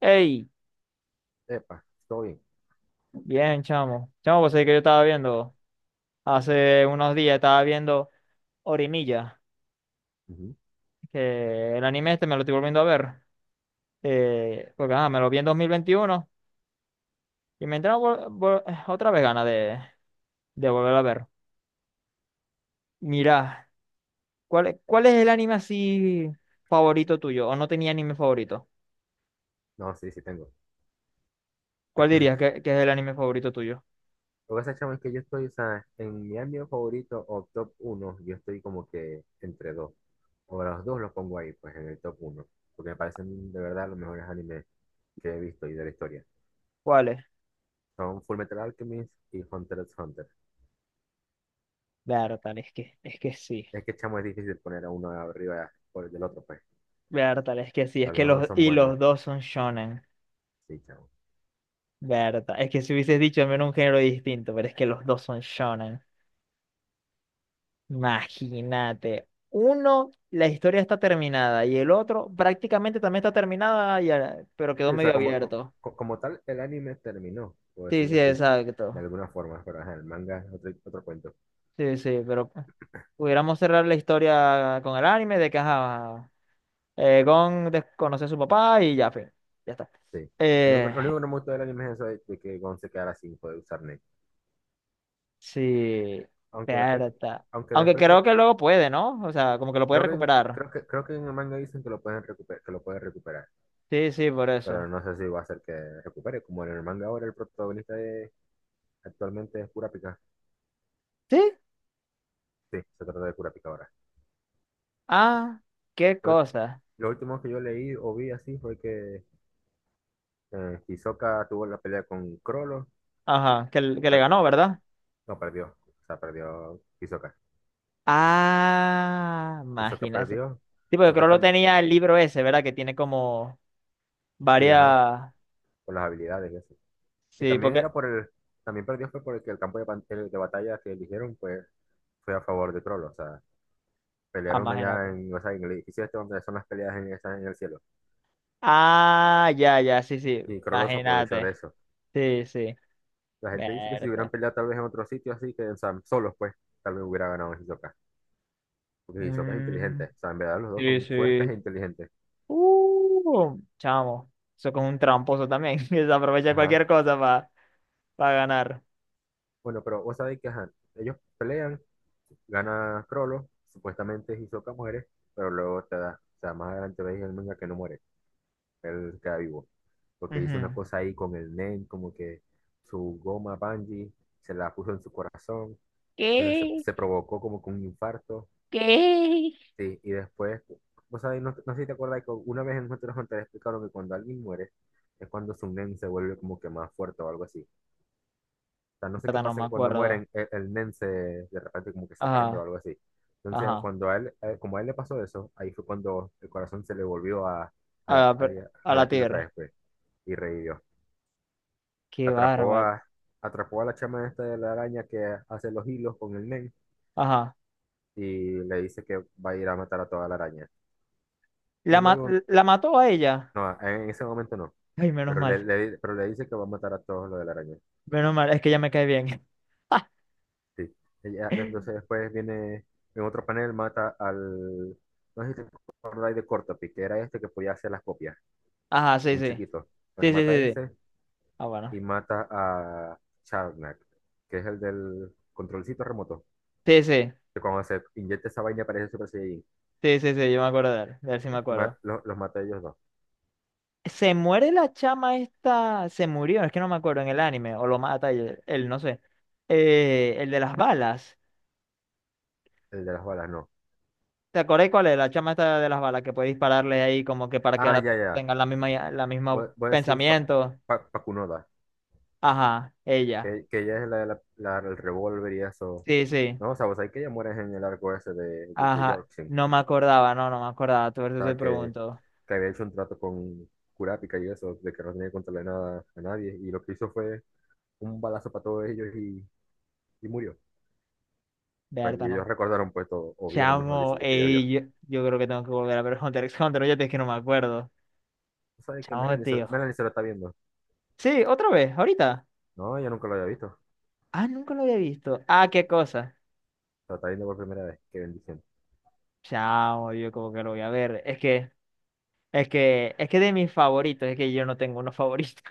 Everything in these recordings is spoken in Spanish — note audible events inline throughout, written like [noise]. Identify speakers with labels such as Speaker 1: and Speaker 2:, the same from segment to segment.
Speaker 1: Ey,
Speaker 2: Epa, todo bien.
Speaker 1: bien, chamo. Chamo, pues es que yo estaba viendo, hace unos días estaba viendo Orimilla,
Speaker 2: Ujú.
Speaker 1: que el anime este me lo estoy volviendo a ver, porque ajá, me lo vi en 2021 y me entraron otra vez ganas de volver a ver. Mirá, ¿ cuál es el anime así favorito tuyo? ¿O no tenía anime favorito?
Speaker 2: No, sí, sí tengo.
Speaker 1: ¿Cuál dirías que es el anime favorito tuyo?
Speaker 2: Lo que pasa, chamo, es que yo estoy, o sea, en mi ámbito favorito o top uno, yo estoy como que entre dos. O los dos los pongo ahí, pues, en el top uno, porque me parecen de verdad los mejores animes que he visto y de la historia.
Speaker 1: ¿Cuál es?
Speaker 2: Son Fullmetal Alchemist y Hunter x Hunter.
Speaker 1: Bertal, es que sí.
Speaker 2: Es que, chamo, es difícil poner a uno arriba por el del otro, pues. O
Speaker 1: Bertal, es que sí. Es
Speaker 2: sea,
Speaker 1: que
Speaker 2: los dos son
Speaker 1: los
Speaker 2: buenos.
Speaker 1: dos son shonen.
Speaker 2: Sí, chamo.
Speaker 1: Verdad, es que si hubieses dicho al menos un género distinto, pero es que los dos son shonen. Imagínate, uno, la historia está terminada y el otro prácticamente también está terminada, pero quedó
Speaker 2: Sí, o sea,
Speaker 1: medio
Speaker 2: como,
Speaker 1: abierto.
Speaker 2: como, tal, el anime terminó, por
Speaker 1: Sí,
Speaker 2: decirlo
Speaker 1: sí,
Speaker 2: así,
Speaker 1: exacto.
Speaker 2: de alguna forma. Pero ajá, el manga es otro, otro cuento.
Speaker 1: Sí, sí, pero pudiéramos cerrar la historia con el anime de que ajá, Gon desconoce a su papá y ya, fin, ya está.
Speaker 2: Sí. Lo
Speaker 1: Eh,
Speaker 2: único, lo único que no me gustó del anime es eso de que Gon se quedara sin poder usar Nen.
Speaker 1: sí,
Speaker 2: Aunque después, cre-
Speaker 1: verdad.
Speaker 2: aunque
Speaker 1: Aunque
Speaker 2: después creo,
Speaker 1: creo que luego puede, ¿no? O sea, como que lo puede
Speaker 2: creo que en-
Speaker 1: recuperar.
Speaker 2: creo que creo que en el manga dicen que lo pueden recuperar, que lo puede recuperar.
Speaker 1: Sí, sí, por
Speaker 2: Pero
Speaker 1: eso.
Speaker 2: no sé si va a ser que recupere. Como en el manga ahora el protagonista actualmente es Kurapika.
Speaker 1: ¿Sí?
Speaker 2: Sí, se trata de Kurapika ahora.
Speaker 1: Ah, qué
Speaker 2: Lo,
Speaker 1: cosa.
Speaker 2: lo último que yo leí o vi así fue que Hisoka tuvo la pelea con Crollo.
Speaker 1: Ajá, que le
Speaker 2: Per-
Speaker 1: ganó, ¿verdad?
Speaker 2: no, perdió. O sea, perdió Hisoka.
Speaker 1: Ah,
Speaker 2: Hisoka
Speaker 1: imagínate.
Speaker 2: perdió.
Speaker 1: Sí, porque creo lo
Speaker 2: Supuestamente.
Speaker 1: tenía el libro ese, ¿verdad? Que tiene como
Speaker 2: Sí, ajá.
Speaker 1: varias.
Speaker 2: Por las habilidades. Y
Speaker 1: Sí, porque.
Speaker 2: también perdió fue porque el campo de, el de batalla que eligieron, pues, fue a favor de Crollo, o sea,
Speaker 1: Ah,
Speaker 2: pelearon allá
Speaker 1: imagínate.
Speaker 2: en, o sea, en el edificio este donde son las peleas en, en el cielo.
Speaker 1: Ah, ya, ya, sí, sí.
Speaker 2: Y Crollo se aprovechó de
Speaker 1: Imagínate.
Speaker 2: eso.
Speaker 1: Sí, sí.
Speaker 2: La gente dice que si hubieran
Speaker 1: Verte.
Speaker 2: peleado tal vez en otro sitio así, que, o sea, solos, pues, tal vez hubiera ganado Hisoka. Porque Hisoka es inteligente,
Speaker 1: Mm,
Speaker 2: o sea, en verdad los dos
Speaker 1: sí,
Speaker 2: son fuertes e
Speaker 1: sí.
Speaker 2: inteligentes.
Speaker 1: Chamo. Eso con un tramposo también. [laughs] Que se aprovecha
Speaker 2: Ajá.
Speaker 1: cualquier cosa para ganar.
Speaker 2: Bueno, pero vos sabéis que ajá, ellos pelean, gana Crollo, supuestamente Hisoka muere, pero luego te da, o sea, más adelante veis en el manga que no muere, él queda vivo, porque hizo una
Speaker 1: Ujú.
Speaker 2: cosa ahí con el Nen como que su goma Bungie se la puso en su corazón. Entonces, se,
Speaker 1: ¿Qué?
Speaker 2: se provocó como con un infarto.
Speaker 1: ¿Qué?
Speaker 2: Sí, y después, vos sabés, no, no sé si te acuerdas que una vez en Hunter x Hunter explicaron que cuando alguien muere, es cuando su Nen se vuelve como que más fuerte o algo así. O sea, no sé qué
Speaker 1: No
Speaker 2: pasa
Speaker 1: me
Speaker 2: que cuando
Speaker 1: acuerdo.
Speaker 2: mueren, el NEM se, de repente como que se prende o
Speaker 1: Ajá,
Speaker 2: algo así. Entonces,
Speaker 1: ajá.
Speaker 2: cuando a él, como a él le pasó eso, ahí fue cuando el corazón se le volvió a,
Speaker 1: A
Speaker 2: la-
Speaker 1: la, per-
Speaker 2: a,
Speaker 1: a
Speaker 2: a
Speaker 1: la
Speaker 2: latir otra
Speaker 1: tierra.
Speaker 2: vez, pues, y revivió.
Speaker 1: Qué
Speaker 2: atrapó
Speaker 1: bárbaro.
Speaker 2: a, atrapó a la chama esta de la araña que hace los hilos con el men
Speaker 1: Ajá.
Speaker 2: y le dice que va a ir a matar a toda la araña. Y
Speaker 1: ¿La, ma-
Speaker 2: luego,
Speaker 1: la mató a ella?
Speaker 2: no, en ese momento no,
Speaker 1: Ay, menos mal.
Speaker 2: pero le dice que va a matar a todos los de la araña.
Speaker 1: Menos mal, es que ya me cae bien.
Speaker 2: Sí. Ella, entonces
Speaker 1: [laughs]
Speaker 2: después viene en otro panel, mata al, no sé si te acordáis de Cortopi, que era este que podía hacer las copias,
Speaker 1: Ajá, sí,
Speaker 2: un
Speaker 1: sí.
Speaker 2: chiquito. Bueno,
Speaker 1: Sí, sí,
Speaker 2: mata a
Speaker 1: sí, sí.
Speaker 2: ese
Speaker 1: Ah, bueno.
Speaker 2: y mata a Charnak, que es el del controlcito remoto,
Speaker 1: Sí, sí.
Speaker 2: que cuando se inyecta esa vaina parece Super Saiyajin.
Speaker 1: Sí, sí, sí, yo me acuerdo de él. De él sí me acuerdo.
Speaker 2: Los maté a ellos dos.
Speaker 1: Se muere la chama esta. Se murió, es que no me acuerdo en el anime. O lo mata él, no sé. El de las balas.
Speaker 2: El de las balas, no.
Speaker 1: ¿Te acordáis cuál es? La chama esta de las balas que puede dispararle ahí como que para que
Speaker 2: Ah,
Speaker 1: ahora
Speaker 2: ya, ya.
Speaker 1: tengan la misma
Speaker 2: Voy a decir Pa-
Speaker 1: pensamiento.
Speaker 2: Pa- Pakunoda,
Speaker 1: Ajá, ella.
Speaker 2: que ella es el revólver y eso.
Speaker 1: Sí, sí.
Speaker 2: No, o sea, vos sabés que ella muere en el arco ese de
Speaker 1: Ajá.
Speaker 2: Yorkshire.
Speaker 1: No me acordaba, no me acordaba. Tú ahorita
Speaker 2: O
Speaker 1: te
Speaker 2: sea, que,
Speaker 1: pregunto.
Speaker 2: que había hecho un trato con Kurapika y eso, de que no tenía que contarle nada a nadie. Y lo que hizo fue un balazo para todos ellos y murió.
Speaker 1: Berta,
Speaker 2: Y ellos
Speaker 1: no.
Speaker 2: recordaron, pues, todo, o vieron, mejor dicho,
Speaker 1: Chamo,
Speaker 2: lo que ella vio.
Speaker 1: ey, yo creo que tengo que volver a ver Hunter x Hunter. Oye, es que no me acuerdo.
Speaker 2: O sea, que
Speaker 1: Chamo,
Speaker 2: Melanie se,
Speaker 1: tío.
Speaker 2: Melanie se lo está viendo.
Speaker 1: Sí, otra vez, ahorita.
Speaker 2: No, yo nunca lo había visto.
Speaker 1: Ah, nunca lo había visto. Ah, qué cosa.
Speaker 2: Lo está viendo por primera vez. Qué bendición.
Speaker 1: Chamo, yo como que lo voy a ver. Es que de mis favoritos, es que yo no tengo unos favoritos.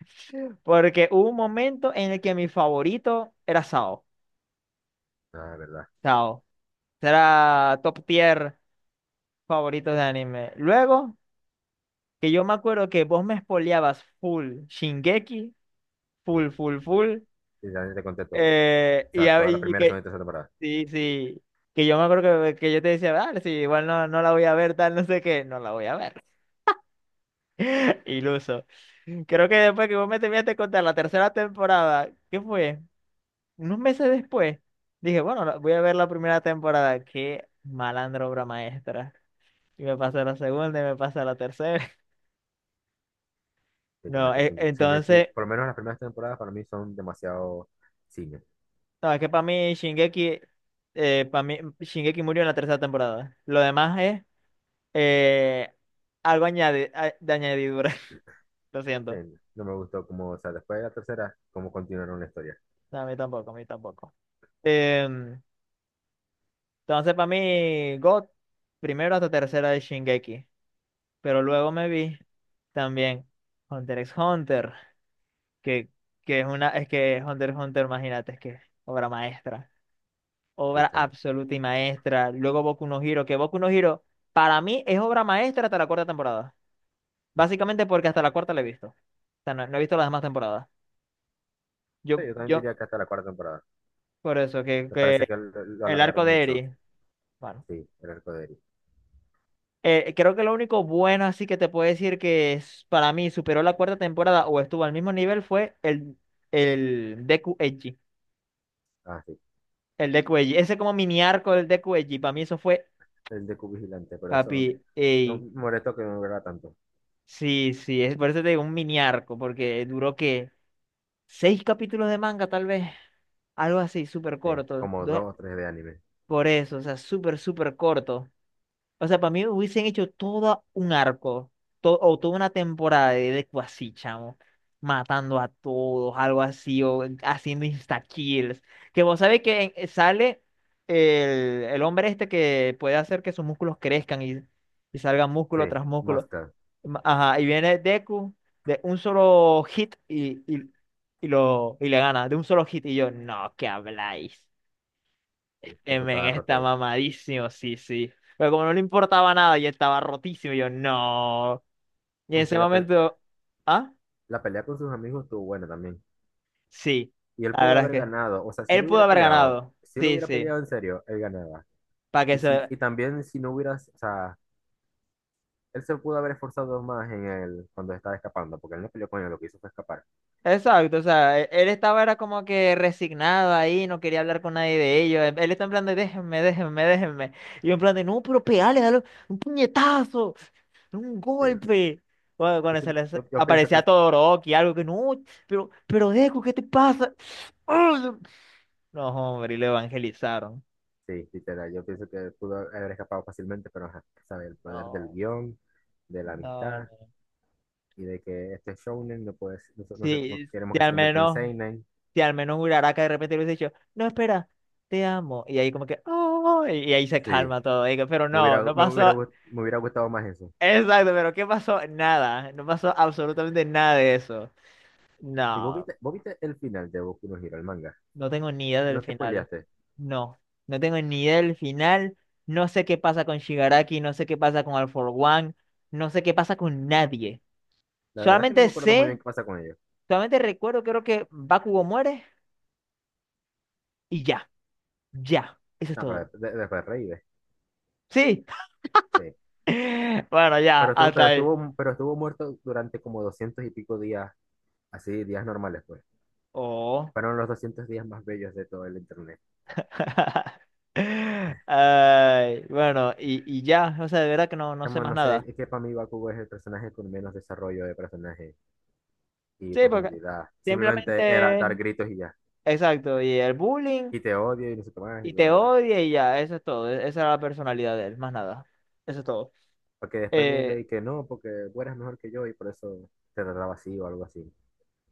Speaker 1: [laughs] Porque hubo un momento en el que mi favorito era Sao.
Speaker 2: Ah, verdad.
Speaker 1: Sao. Era top tier favorito de anime. Luego, que yo me acuerdo que vos me spoileabas full Shingeki,
Speaker 2: Sí.
Speaker 1: full, full, full.
Speaker 2: Y ya te conté todo. O sea, toda la
Speaker 1: Y
Speaker 2: primera, segunda y
Speaker 1: que,
Speaker 2: tercera temporada.
Speaker 1: sí, sí. Que yo me acuerdo que yo te decía, vale, sí, igual no, no la voy a ver, tal, no sé qué, no la voy a ver. [laughs] Iluso. Creo que después que vos me terminaste de contar la tercera temporada, ¿qué fue? Unos meses después, dije, bueno, voy a ver la primera temporada. Qué malandro obra maestra. Y me pasé la segunda y me pasé la tercera. [laughs]
Speaker 2: Que ya me
Speaker 1: No,
Speaker 2: que Shingeki,
Speaker 1: entonces,
Speaker 2: por lo menos las primeras temporadas para mí son demasiado cine.
Speaker 1: no, es que para mí Shingeki murió en la tercera temporada. Lo demás es eh, algo añade, de añadidura. [laughs] Lo
Speaker 2: Sí,
Speaker 1: siento.
Speaker 2: no me gustó como, o sea, después de la tercera, cómo continuaron la historia.
Speaker 1: No, a mí tampoco, a mí tampoco. Em, entonces, para mí, God, primero hasta tercera de Shingeki. Pero luego me vi también Hunter x Hunter, que, que es una, es que Hunter x Hunter, imagínate, es que es obra maestra,
Speaker 2: Sí,
Speaker 1: obra
Speaker 2: chamo.
Speaker 1: absoluta y maestra. Luego Boku no Hero, que Boku no Hero para mí es obra maestra hasta la cuarta temporada. Básicamente porque hasta la cuarta la he visto. O sea, no, no he visto las demás temporadas.
Speaker 2: Sí,
Speaker 1: Yo,
Speaker 2: yo también
Speaker 1: yo,
Speaker 2: diría que hasta la cuarta temporada.
Speaker 1: por eso, que,
Speaker 2: Me parece
Speaker 1: que
Speaker 2: que lo
Speaker 1: el arco
Speaker 2: alargaron
Speaker 1: de
Speaker 2: mucho.
Speaker 1: Eri, bueno.
Speaker 2: Sí, el arco de Eri.
Speaker 1: Creo que lo único bueno así que te puedo decir que es, para mí superó la cuarta temporada o estuvo al mismo nivel fue el Deku Eiji.
Speaker 2: Ah, sí.
Speaker 1: El Deku Eiji. Ese como mini arco del Deku Eiji. Para mí eso fue
Speaker 2: El de Q Vigilante, pero eso
Speaker 1: Papi,
Speaker 2: no
Speaker 1: ey,
Speaker 2: me molestó que no durara tanto.
Speaker 1: sí, sí, es por eso te digo un mini arco, porque duró que seis capítulos de manga, tal vez, algo así, súper
Speaker 2: Sí,
Speaker 1: corto.
Speaker 2: como dos o tres de anime.
Speaker 1: Por eso, o sea, súper, súper corto. O sea, para mí hubiesen hecho todo un arco, o toda una temporada de Deku así, chamo, matando a todos, algo así, o haciendo insta-kills. Que vos sabés que sale el hombre este que puede hacer que sus músculos crezcan y salgan
Speaker 2: Sí,
Speaker 1: músculo tras músculo.
Speaker 2: Mosca.
Speaker 1: Ajá, y viene Deku de un solo hit y le gana, de un solo hit. Y yo, no, ¿qué habláis?
Speaker 2: Sí, el
Speaker 1: El
Speaker 2: que
Speaker 1: men
Speaker 2: estaba roto
Speaker 1: está
Speaker 2: ahí.
Speaker 1: mamadísimo, sí, sí. Pero como no le importaba nada y estaba rotísimo, yo, no. Y en
Speaker 2: Aunque
Speaker 1: ese
Speaker 2: la, pel-
Speaker 1: momento, ¿ah?
Speaker 2: la pelea con sus amigos estuvo buena también.
Speaker 1: Sí,
Speaker 2: Y él
Speaker 1: la
Speaker 2: pudo
Speaker 1: verdad es
Speaker 2: haber
Speaker 1: que
Speaker 2: ganado. O sea, si
Speaker 1: él
Speaker 2: él
Speaker 1: pudo
Speaker 2: hubiera
Speaker 1: haber
Speaker 2: peleado,
Speaker 1: ganado.
Speaker 2: si él
Speaker 1: Sí,
Speaker 2: hubiera
Speaker 1: sí.
Speaker 2: peleado en serio, él ganaba.
Speaker 1: Para que
Speaker 2: Y, si,
Speaker 1: se,
Speaker 2: y también si no hubiera, o sea, él se pudo haber esforzado más en el, cuando estaba escapando, porque él no peleó con él, lo que hizo fue escapar.
Speaker 1: Exacto, o sea, él estaba era como que resignado ahí, no quería hablar con nadie de ellos. Él está en plan de déjenme, déjenme, déjenme. Y yo en plan de no, pero pegale, dale un puñetazo, un
Speaker 2: Sí.
Speaker 1: golpe. Bueno,
Speaker 2: Yo,
Speaker 1: cuando se
Speaker 2: sí-
Speaker 1: les
Speaker 2: yo, yo pienso que
Speaker 1: aparecía
Speaker 2: él,
Speaker 1: Todoroki, algo que no, pero Deku, ¿qué te pasa? ¡Ah! No, hombre, y lo evangelizaron.
Speaker 2: sí, literal, yo pienso que pudo haber escapado fácilmente, pero ajá, sabe, el poder del
Speaker 1: No,
Speaker 2: guión, de la
Speaker 1: no,
Speaker 2: amistad
Speaker 1: no.
Speaker 2: y de que este shounen no puede, no, no, no
Speaker 1: Sí, sí,
Speaker 2: queremos que se
Speaker 1: al
Speaker 2: convierta en
Speaker 1: menos.
Speaker 2: seinen.
Speaker 1: Si al menos un Uraraka de repente le hubiese dicho, no, espera, te amo. Y ahí como que, oh, y ahí se
Speaker 2: Sí,
Speaker 1: calma todo. Y digo, pero
Speaker 2: me
Speaker 1: no,
Speaker 2: hubiera,
Speaker 1: no
Speaker 2: me
Speaker 1: pasó.
Speaker 2: hubiera, gust- me hubiera gustado más eso.
Speaker 1: Exacto, pero ¿qué pasó? Nada. No pasó absolutamente nada de eso.
Speaker 2: ¿Y vos
Speaker 1: No,
Speaker 2: viste, vos viste el final de Boku no Hero, el manga?
Speaker 1: no tengo ni idea
Speaker 2: No
Speaker 1: del
Speaker 2: te
Speaker 1: final.
Speaker 2: spoileaste.
Speaker 1: No, no tengo ni idea del final. No sé qué pasa con Shigaraki, no sé qué pasa con All For One, no sé qué pasa con nadie.
Speaker 2: La verdad es que no
Speaker 1: Solamente
Speaker 2: me acuerdo muy bien
Speaker 1: sé,
Speaker 2: qué pasa con ellos.
Speaker 1: solamente recuerdo, creo que Bakugo muere y ya, ya, eso es
Speaker 2: Ah, pero
Speaker 1: todo.
Speaker 2: después reí,
Speaker 1: Sí,
Speaker 2: sí.
Speaker 1: [laughs] bueno, ya,
Speaker 2: Pero estuvo,
Speaker 1: hasta
Speaker 2: pero
Speaker 1: ahí.
Speaker 2: estuvo, pero estuvo muerto durante como 200 y pico días, así, días normales, pues.
Speaker 1: Oh.
Speaker 2: Fueron los 200 días más bellos de todo el internet.
Speaker 1: [laughs] Ay, bueno, y ya, o sea, de verdad que no, no sé
Speaker 2: Chamo,
Speaker 1: más
Speaker 2: no sé,
Speaker 1: nada.
Speaker 2: es que para mí Bakugo es el personaje con menos desarrollo de personaje y
Speaker 1: Sí, porque
Speaker 2: profundidad. Simplemente era
Speaker 1: simplemente,
Speaker 2: dar gritos y ya.
Speaker 1: exacto, y el bullying,
Speaker 2: Y te odio y no sé qué más y
Speaker 1: y
Speaker 2: bla,
Speaker 1: te
Speaker 2: bla, bla.
Speaker 1: odia y ya, eso es todo. Esa era la personalidad de él, más nada. Eso es todo.
Speaker 2: Porque después diga
Speaker 1: Eh,
Speaker 2: y que no, porque tú eres mejor que yo y por eso te trataba así o algo así.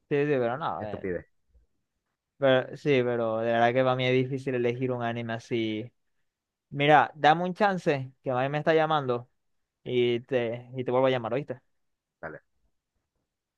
Speaker 1: sí, sí, pero no,
Speaker 2: Estupidez,
Speaker 1: pero, sí, pero de verdad que para mí es difícil elegir un anime así. Mira, dame un chance, que a mí me está llamando, y te vuelvo a llamar, ¿oíste?
Speaker 2: dale.